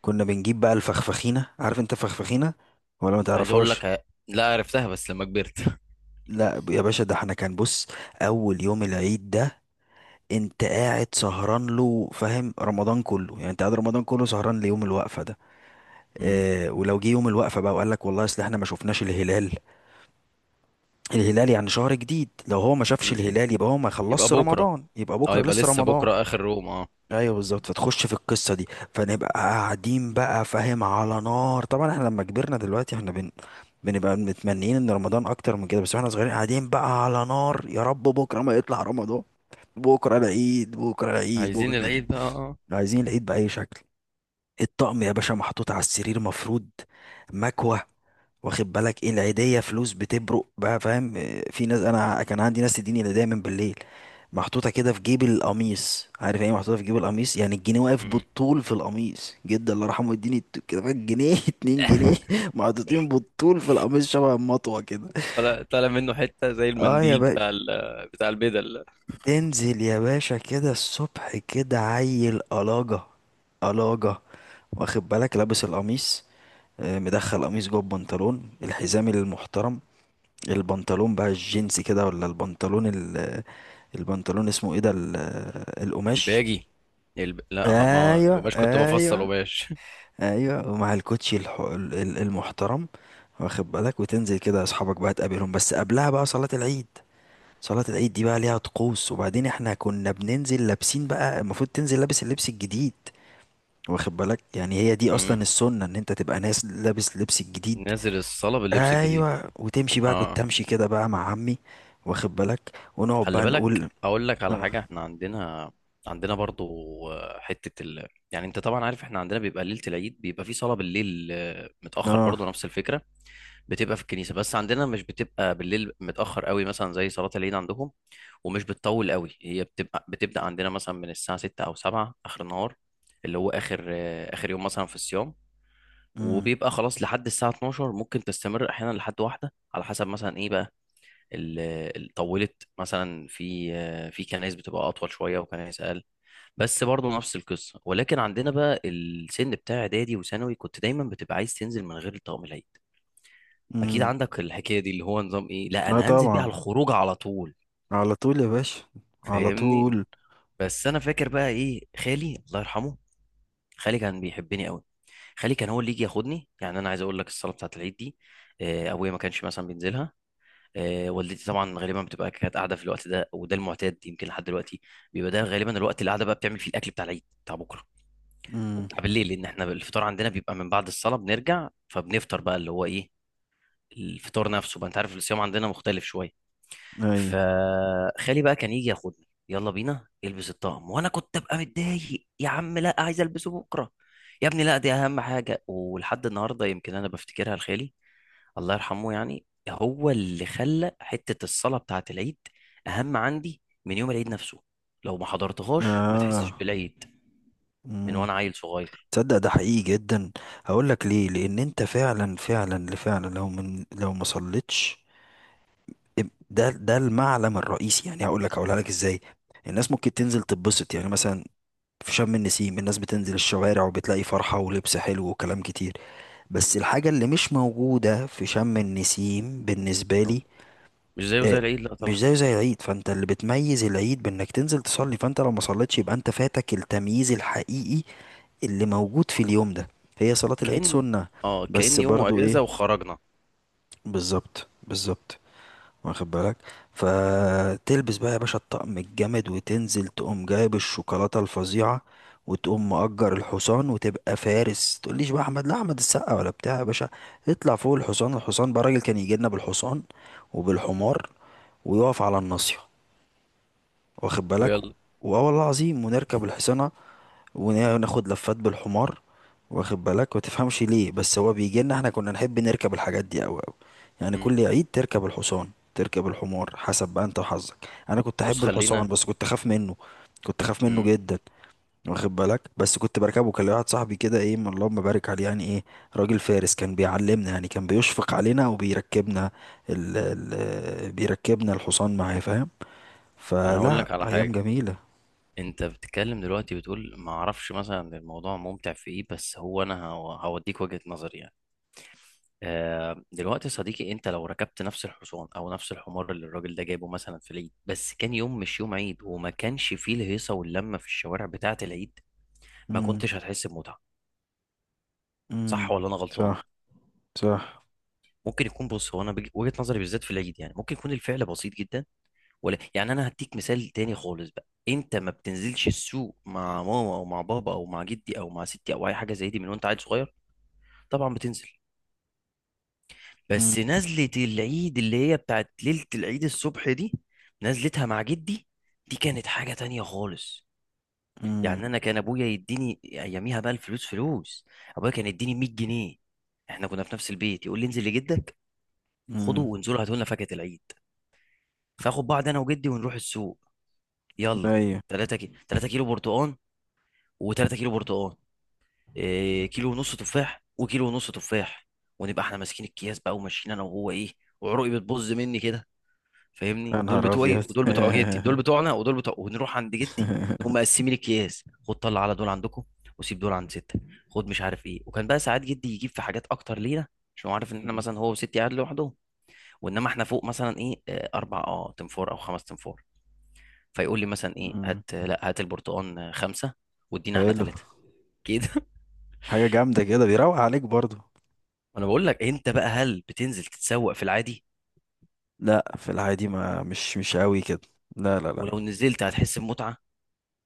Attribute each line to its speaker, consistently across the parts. Speaker 1: كنا بنجيب بقى الفخفخينة، عارف انت فخفخينة ولا ما
Speaker 2: عايز اقول
Speaker 1: تعرفهاش؟
Speaker 2: لك لا عرفتها بس لما كبرت.
Speaker 1: لا يا باشا، ده احنا كان بص، اول يوم العيد ده انت قاعد سهران له، فاهم؟ رمضان كله يعني انت قاعد رمضان كله سهران ليوم الوقفة ده.
Speaker 2: مم.
Speaker 1: اه، ولو جه يوم الوقفة بقى وقال لك والله اصل احنا ما شفناش الهلال، الهلال يعني شهر جديد، لو هو ما شافش
Speaker 2: مم.
Speaker 1: الهلال يبقى هو ما
Speaker 2: يبقى
Speaker 1: خلصش
Speaker 2: بكره،
Speaker 1: رمضان، يبقى
Speaker 2: اه
Speaker 1: بكرة
Speaker 2: يبقى
Speaker 1: لسه
Speaker 2: لسه
Speaker 1: رمضان.
Speaker 2: بكره اخر روم اه.
Speaker 1: ايوه بالظبط، فتخش في القصه دي. فنبقى قاعدين بقى، فاهم، على نار. طبعا احنا لما كبرنا دلوقتي احنا بنبقى متمنيين ان رمضان اكتر من كده، بس واحنا صغيرين قاعدين بقى على نار، يا رب بكره ما يطلع رمضان، بكره العيد، بكره العيد، بكره
Speaker 2: عايزين
Speaker 1: العيد.
Speaker 2: العيد بقى اه.
Speaker 1: عايزين العيد باي شكل. الطقم يا باشا محطوط على السرير مفروض، مكوه، واخد بالك؟ ايه، العيدية، فلوس بتبرق بقى، فاهم؟ آه، في ناس، انا كان عندي ناس تديني العيدية من بالليل، محطوطة كده في جيب القميص، عارف يعني ايه محطوطة في جيب القميص؟ يعني الجنيه واقف
Speaker 2: مم.
Speaker 1: بالطول في القميص، جدا الله يرحمه يديني كده بقى جنيه اتنين جنيه محطوطين بالطول في القميص، شبه المطوة كده.
Speaker 2: طلع طلع منه حته زي
Speaker 1: اه يا
Speaker 2: المنديل
Speaker 1: باشا،
Speaker 2: بتاع البدل.
Speaker 1: تنزل يا باشا كده الصبح، كده عيل قلاجة، قلاجة، واخد بالك؟ لابس القميص، آه، مدخل قميص جوه البنطلون، الحزام المحترم، البنطلون بقى الجينز كده البنطلون اسمه ايه القماش؟
Speaker 2: الباجي، لا ما
Speaker 1: ايوه
Speaker 2: القماش، كنت بفصل
Speaker 1: ايوه.
Speaker 2: قماش.
Speaker 1: ايوه ومع الكوتشي المحترم، واخد بالك؟ وتنزل كده اصحابك بقى تقابلهم، بس قبلها بقى صلاة العيد. صلاة العيد دي بقى ليها طقوس، وبعدين احنا كنا بننزل لابسين بقى، المفروض تنزل لابس اللبس الجديد، واخد بالك؟ يعني هي دي
Speaker 2: مم.
Speaker 1: اصلا السنة، ان انت تبقى ناس لابس لبس الجديد.
Speaker 2: نازل الصاله باللبس الجديد.
Speaker 1: ايوه، وتمشي بقى،
Speaker 2: اه،
Speaker 1: كنت امشي كده بقى مع عمي، واخد بالك؟ ونقعد
Speaker 2: خلي
Speaker 1: بقى
Speaker 2: بالك
Speaker 1: نقول
Speaker 2: اقول لك على
Speaker 1: اه.
Speaker 2: حاجه، احنا عندنا برضو. حته يعني انت طبعا عارف احنا عندنا بيبقى ليله العيد، بيبقى في صلاه بالليل، متاخر، برضو
Speaker 1: اه.
Speaker 2: نفس الفكره. بتبقى في الكنيسة، بس عندنا مش بتبقى بالليل متأخر قوي، مثلا زي صلاة العيد عندهم. ومش بتطول قوي، هي بتبقى بتبدأ عندنا مثلا من الساعة 6 أو 7 آخر النهار، اللي هو آخر آخر يوم مثلا في الصيام.
Speaker 1: امم.
Speaker 2: وبيبقى خلاص لحد الساعة 12، ممكن تستمر أحيانا لحد واحدة على حسب مثلا إيه بقى. ال- طولت مثلا في في كنايس بتبقى أطول شوية وكنايس أقل. بس برضه نفس القصة. ولكن عندنا بقى السن بتاع إعدادي وثانوي، كنت دايما بتبقى عايز تنزل من غير طقم العيد. اكيد
Speaker 1: امم.
Speaker 2: عندك الحكايه دي، اللي هو نظام ايه، لا
Speaker 1: اه
Speaker 2: انا هنزل بيه على
Speaker 1: طبعا،
Speaker 2: الخروج على طول.
Speaker 1: على طول يا باشا، على
Speaker 2: فاهمني.
Speaker 1: طول.
Speaker 2: بس انا فاكر بقى ايه، خالي الله يرحمه، خالي كان بيحبني قوي. خالي كان هو اللي يجي ياخدني. يعني انا عايز اقول لك الصلاه بتاعه العيد دي، ابويا ما كانش مثلا بينزلها. والدتي طبعا غالبا بتبقى كانت قاعده في الوقت ده، وده المعتاد يمكن لحد دلوقتي، بيبقى ده غالبا الوقت اللي قاعده بقى بتعمل فيه الاكل بتاع العيد بتاع بكره،
Speaker 1: امم.
Speaker 2: وبتاع بالليل. لان احنا الفطار عندنا بيبقى من بعد الصلاه، بنرجع فبنفطر بقى اللي هو ايه، الفطار نفسه بقى. انت عارف الصيام عندنا مختلف شويه.
Speaker 1: ايوه.
Speaker 2: فخالي بقى كان يجي ياخدني، يلا بينا البس الطقم، وانا كنت ابقى متضايق، يا عم لا عايز البسه بكره. يا ابني لا دي اهم حاجه. ولحد النهارده يمكن انا بفتكرها لخالي الله يرحمه، يعني هو اللي خلى حته الصلاه بتاعه العيد اهم عندي من يوم العيد نفسه. لو ما حضرتهاش ما تحسش
Speaker 1: اه.
Speaker 2: بالعيد، من
Speaker 1: امم.
Speaker 2: وانا عيل صغير.
Speaker 1: تصدق ده حقيقي جدا؟ هقول لك ليه، لان انت فعلا فعلا فعلا لو لو ما صليتش، ده ده المعلم الرئيسي، يعني هقول لك، هقولها لك ازاي. الناس ممكن تنزل تتبسط، يعني مثلا في شم النسيم الناس بتنزل الشوارع وبتلاقي فرحة ولبس حلو وكلام كتير، بس
Speaker 2: م.
Speaker 1: الحاجة اللي مش موجودة في شم النسيم بالنسبة
Speaker 2: انه
Speaker 1: لي،
Speaker 2: مش زيه
Speaker 1: آه،
Speaker 2: زي العيد، لا طبعا.
Speaker 1: مش زيه زي العيد. فانت اللي بتميز العيد بانك تنزل تصلي، فانت لو ما صليتش يبقى انت فاتك التمييز الحقيقي اللي موجود في اليوم ده، هي صلاة العيد
Speaker 2: كأن،
Speaker 1: سنة
Speaker 2: اه
Speaker 1: بس
Speaker 2: كأن يوم
Speaker 1: برضو
Speaker 2: اجازه
Speaker 1: ايه،
Speaker 2: وخرجنا.
Speaker 1: بالظبط بالظبط، واخد بالك؟ فتلبس بقى يا باشا الطقم الجامد وتنزل، تقوم جايب الشوكولاتة الفظيعة، وتقوم مأجر الحصان وتبقى فارس، تقوليش بقى احمد، لا احمد السقا ولا بتاع، يا باشا اطلع فوق الحصان. الحصان بقى الراجل كان يجي لنا بالحصان وبالحمار، ويقف على الناصية، واخد بالك؟
Speaker 2: ويلا.
Speaker 1: واه والله العظيم ونركب الحصانة وناخد لفات بالحمار، واخد بالك؟ وتفهمش ليه، بس هو بيجي لنا، احنا كنا نحب نركب الحاجات دي قوي قوي، يعني
Speaker 2: م.
Speaker 1: كل عيد تركب الحصان، تركب الحمار، حسب بقى انت وحظك. انا كنت
Speaker 2: بص
Speaker 1: احب الحصان
Speaker 2: خلينا.
Speaker 1: بس كنت اخاف منه، كنت اخاف منه
Speaker 2: م.
Speaker 1: جدا، واخد بالك؟ بس كنت بركبه، كان ليا واحد صاحبي كده ايه، من اللهم بارك عليه، يعني ايه، راجل فارس، كان بيعلمنا، يعني كان بيشفق علينا وبيركبنا، ال بيركبنا الحصان معاه، فاهم؟
Speaker 2: انا هقول
Speaker 1: فلا
Speaker 2: لك على
Speaker 1: ايام
Speaker 2: حاجه.
Speaker 1: جميلة.
Speaker 2: انت بتتكلم دلوقتي بتقول ما اعرفش مثلا الموضوع ممتع في ايه، بس هو انا هوديك وجهة نظري يعني. دلوقتي يا صديقي، انت لو ركبت نفس الحصان او نفس الحمار اللي الراجل ده جايبه مثلا في العيد، بس كان يوم مش يوم عيد، وما كانش فيه الهيصة واللمة في الشوارع بتاعة العيد، ما
Speaker 1: امم.
Speaker 2: كنتش هتحس بمتعة. صح
Speaker 1: امم.
Speaker 2: ولا انا غلطان؟
Speaker 1: صح. صح.
Speaker 2: ممكن يكون، بص هو انا وجهة نظري بالذات في العيد، يعني ممكن يكون الفعل بسيط جدا. ولا يعني انا هديك مثال تاني خالص بقى، انت ما بتنزلش السوق مع ماما او مع بابا او مع جدي او مع ستي او اي حاجه زي دي من وانت عيل صغير؟ طبعا بتنزل. بس نزله العيد اللي هي بتاعت ليله العيد الصبح دي، نزلتها مع جدي، دي كانت حاجه تانية خالص.
Speaker 1: امم.
Speaker 2: يعني انا كان ابويا يديني اياميها بقى الفلوس فلوس، ابويا كان يديني 100 جنيه. احنا كنا في نفس البيت، يقول لي انزل لجدك، خده
Speaker 1: امم.
Speaker 2: وانزلوا هاتوا لنا فاكهه العيد. فاخد بعض انا وجدي ونروح السوق، يلا.
Speaker 1: ايوه.
Speaker 2: 3 كيلو برتقال، و3 كيلو برتقال، إيه كيلو ونص تفاح، وكيلو ونص تفاح. ونبقى احنا ماسكين الكياس بقى وماشيين انا وهو ايه، وعروقي بتبظ مني كده. فاهمني،
Speaker 1: يا
Speaker 2: دول
Speaker 1: نهار
Speaker 2: بتوعي
Speaker 1: ابيض
Speaker 2: ودول بتوع جدي، دول بتوعنا ودول بتوع، ونروح عند جدي. نقوم مقسمين الكياس، خد طلع على دول عندكم، وسيب دول عند ستة، خد مش عارف ايه. وكان بقى ساعات جدي يجيب في حاجات اكتر لينا، عشان هو عارف ان احنا مثلا، هو وستي قاعد لوحدهم، وانما احنا فوق مثلا ايه اربع اه تنفور او خمس تنفور. فيقول لي مثلا ايه،
Speaker 1: أمم.
Speaker 2: هات لا هات البرتقال 5، وادينا احنا
Speaker 1: حلو.
Speaker 2: 3 كده.
Speaker 1: حاجة جامدة كده، بيروق عليك برضو.
Speaker 2: انا بقول لك انت بقى، هل بتنزل تتسوق في العادي؟
Speaker 1: لا في العادي ما مش مش قوي كده، لا لا لا.
Speaker 2: ولو نزلت هتحس بمتعه؟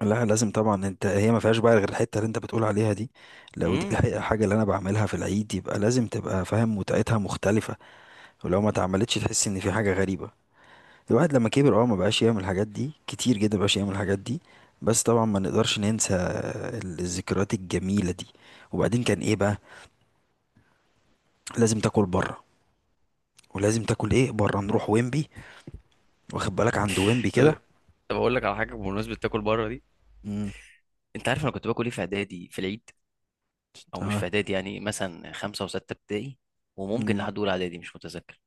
Speaker 1: لا لازم طبعا، انت هي ما فيهاش بقى غير الحتة اللي انت بتقول عليها دي، لو دي
Speaker 2: امم.
Speaker 1: الحاجة اللي انا بعملها في العيد يبقى لازم تبقى فاهم متعتها مختلفة، ولو ما اتعملتش تحس ان في حاجة غريبة. الواحد لما كبر اه ما بقاش يعمل الحاجات دي كتير جدا، ما بقاش يعمل الحاجات دي، بس طبعا ما نقدرش ننسى الذكريات الجميله دي. وبعدين كان ايه بقى، لازم تاكل بره، ولازم تاكل ايه بره، نروح ويمبي، واخد بالك عند ويمبي
Speaker 2: طب
Speaker 1: كده.
Speaker 2: طب اقول لك على حاجه بمناسبه تاكل بره دي.
Speaker 1: امم.
Speaker 2: انت عارف انا كنت باكل ايه في اعدادي في العيد، او مش في
Speaker 1: تمام.
Speaker 2: اعدادي يعني مثلا خمسه وسته ابتدائي، وممكن
Speaker 1: امم.
Speaker 2: لحد اولى اعدادي مش متذكر.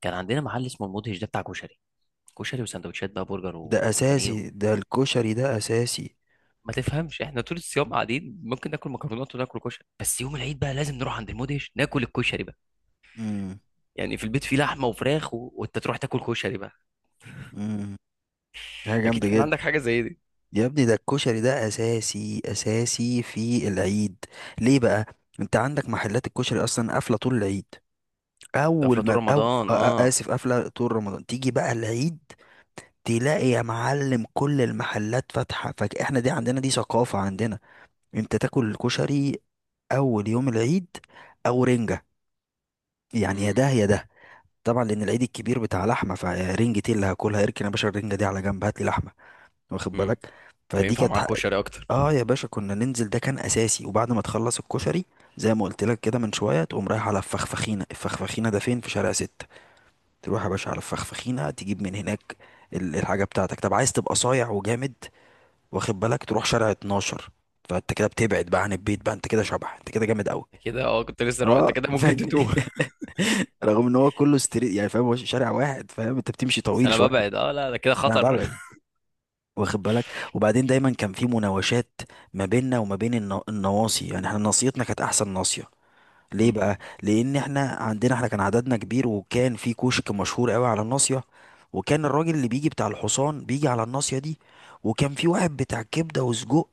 Speaker 2: كان عندنا محل اسمه المدهش، ده بتاع كشري. كشري وسندوتشات بقى، برجر
Speaker 1: ده
Speaker 2: وبانيه
Speaker 1: اساسي، ده الكشري ده اساسي.
Speaker 2: ما تفهمش احنا طول الصيام قاعدين ممكن ناكل مكرونات وناكل كشري، بس يوم العيد بقى لازم نروح عند المدهش ناكل الكشري بقى.
Speaker 1: امم.
Speaker 2: يعني في البيت فيه لحمه وفراخ و... وانت تروح تاكل كشري بقى.
Speaker 1: امم. حاجه
Speaker 2: اكيد
Speaker 1: جامده
Speaker 2: كان
Speaker 1: جدا.
Speaker 2: عندك حاجه زي دي.
Speaker 1: يا ابني ده الكشري ده اساسي اساسي في العيد. ليه بقى؟ انت عندك محلات الكشري اصلا قافله طول العيد، اول
Speaker 2: افلاطون
Speaker 1: ما او
Speaker 2: رمضان اه.
Speaker 1: اسف، قافله طول رمضان، تيجي بقى العيد تلاقي يا معلم كل المحلات فاتحه، فاحنا دي عندنا دي ثقافه عندنا، انت تاكل الكشري اول يوم العيد او رنجه، يعني يا
Speaker 2: امم.
Speaker 1: ده يا ده، طبعا لان العيد الكبير بتاع لحمه فرنجتي اللي هاكلها، اركن يا باشا الرنجه دي على جنب هات لي لحمه، واخد
Speaker 2: امم.
Speaker 1: بالك؟ فدي
Speaker 2: فينفع
Speaker 1: كانت
Speaker 2: معاك كشري اكتر.
Speaker 1: اه يا باشا كنا ننزل، ده كان اساسي. وبعد ما تخلص الكشري، زي ما قلت لك كده من شويه، تقوم رايح على الفخفخينه، الفخفخينه ده فين، في شارع ستة، تروح يا باشا على الفخفخينة تجيب من هناك الحاجة بتاعتك. طب عايز تبقى صايع وجامد، واخد بالك؟ تروح شارع 12، فانت كده بتبعد بقى عن البيت، بقى انت كده شبح، انت كده جامد قوي.
Speaker 2: انت كده اه كنت لسه انت
Speaker 1: اه
Speaker 2: كده ممكن
Speaker 1: فاهم،
Speaker 2: تتوه.
Speaker 1: رغم ان هو كله ستريت، يعني فاهم، هو شارع واحد، فاهم، انت بتمشي
Speaker 2: بس
Speaker 1: طويل
Speaker 2: انا
Speaker 1: شويه.
Speaker 2: ببعد، اه لا ده كده
Speaker 1: انا
Speaker 2: خطر.
Speaker 1: ببعد، واخد بالك؟ وبعدين دايما كان في مناوشات ما بيننا وما بين النواصي، يعني احنا ناصيتنا كانت احسن ناصيه. ليه
Speaker 2: امم.
Speaker 1: بقى؟ لان احنا عندنا، احنا كان عددنا كبير، وكان في كشك مشهور قوي على الناصيه، وكان الراجل اللي بيجي بتاع الحصان بيجي على الناصيه دي، وكان في واحد بتاع كبده وسجق،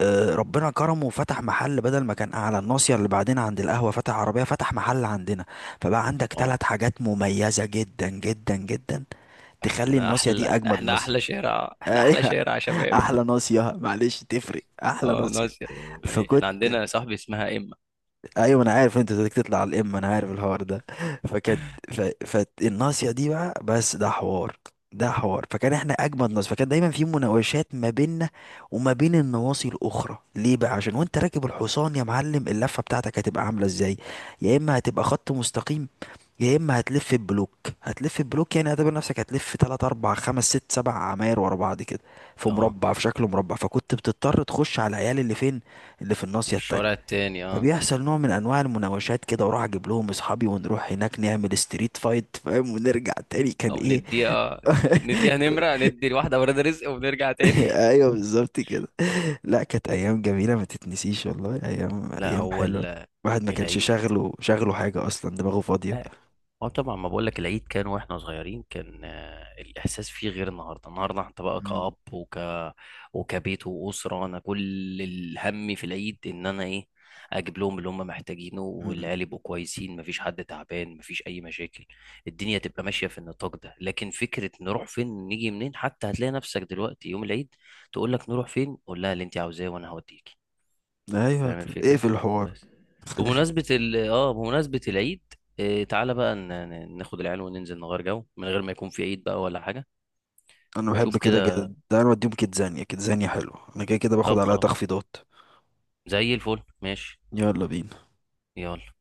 Speaker 1: آه، ربنا كرمه وفتح محل، بدل ما كان على الناصيه اللي بعدين عند القهوه، فتح عربيه، فتح محل عندنا، فبقى عندك
Speaker 2: اه.
Speaker 1: ثلاث حاجات مميزه جدا جدا جدا، تخلي
Speaker 2: احنا
Speaker 1: الناصيه دي
Speaker 2: احلى،
Speaker 1: اجمد
Speaker 2: احنا
Speaker 1: ناصيه.
Speaker 2: احلى شارع، احنا احلى
Speaker 1: ايوه.
Speaker 2: شارع يا شباب.
Speaker 1: احلى ناصيه، معلش تفرق، احلى
Speaker 2: اه
Speaker 1: ناصيه.
Speaker 2: ناس، يعني احنا
Speaker 1: فكنت،
Speaker 2: عندنا يا صاحبي اسمها اما.
Speaker 1: ايوه انا عارف انت بدك تطلع على الام، انا عارف الحوار ده فكانت، فالناصيه دي بقى، بس ده حوار، ده حوار. فكان احنا اجمد ناس، فكان دايما في مناوشات ما بيننا وما بين النواصي الاخرى، ليه بقى؟ عشان وانت راكب الحصان يا معلم اللفه بتاعتك هتبقى عامله ازاي، يا اما هتبقى خط مستقيم، يا اما هتلف بلوك. هتلف بلوك يعني اعتبر نفسك هتلف 3 4 5 6 7 عماير ورا بعض كده، في
Speaker 2: اه.
Speaker 1: مربع، في شكل مربع، فكنت بتضطر تخش على العيال اللي فين، اللي في
Speaker 2: اللي
Speaker 1: الناصيه
Speaker 2: في الشوارع
Speaker 1: التانية.
Speaker 2: التاني اه.
Speaker 1: فبيحصل نوع من انواع المناوشات كده، واروح اجيب لهم اصحابي ونروح هناك نعمل ستريت فايت، فاهم؟ ونرجع تاني كان
Speaker 2: او
Speaker 1: ايه
Speaker 2: نديها، نديها نمرة، ندي لواحدة ولاد رزق ونرجع تاني.
Speaker 1: ايوه بالظبط كده. لا كانت ايام جميله ما تتنسيش، والله ايام،
Speaker 2: لا
Speaker 1: ايام
Speaker 2: هو
Speaker 1: حلوه، الواحد ما كانش
Speaker 2: العيد.
Speaker 1: شاغله، شاغله حاجه اصلا، دماغه فاضيه.
Speaker 2: اه طبعا ما بقولك العيد كان واحنا صغيرين، كان الاحساس فيه غير النهارده. النهارده انت بقى
Speaker 1: مم.
Speaker 2: كأب، وك، وكبيت، وأسرة. انا كل الهم في العيد ان انا ايه، اجيب لهم اللي هم محتاجينه،
Speaker 1: مم.
Speaker 2: والعيال يبقوا كويسين، مفيش حد تعبان، مفيش اي مشاكل، الدنيا تبقى ماشيه في النطاق ده. لكن فكره نروح فين نيجي منين، حتى هتلاقي نفسك دلوقتي يوم العيد تقول لك نروح فين، قول لها اللي انت عاوزاه وانا هوديك.
Speaker 1: ايوه.
Speaker 2: فاهم
Speaker 1: ايه في
Speaker 2: الفكرة.
Speaker 1: الحوار؟
Speaker 2: بس بمناسبة ال اه بمناسبة العيد، آه تعالى بقى ناخد العيال وننزل نغير جو، من غير ما يكون في عيد بقى ولا حاجة.
Speaker 1: انا بحب
Speaker 2: شوف
Speaker 1: كده
Speaker 2: كده.
Speaker 1: جدا، ده انا بديهم كيتزانيا، كيتزانيا حلو، انا كده كده باخد
Speaker 2: طب
Speaker 1: عليها
Speaker 2: خلاص،
Speaker 1: تخفيضات.
Speaker 2: زي الفل ماشي.
Speaker 1: يلا بينا.
Speaker 2: يلا.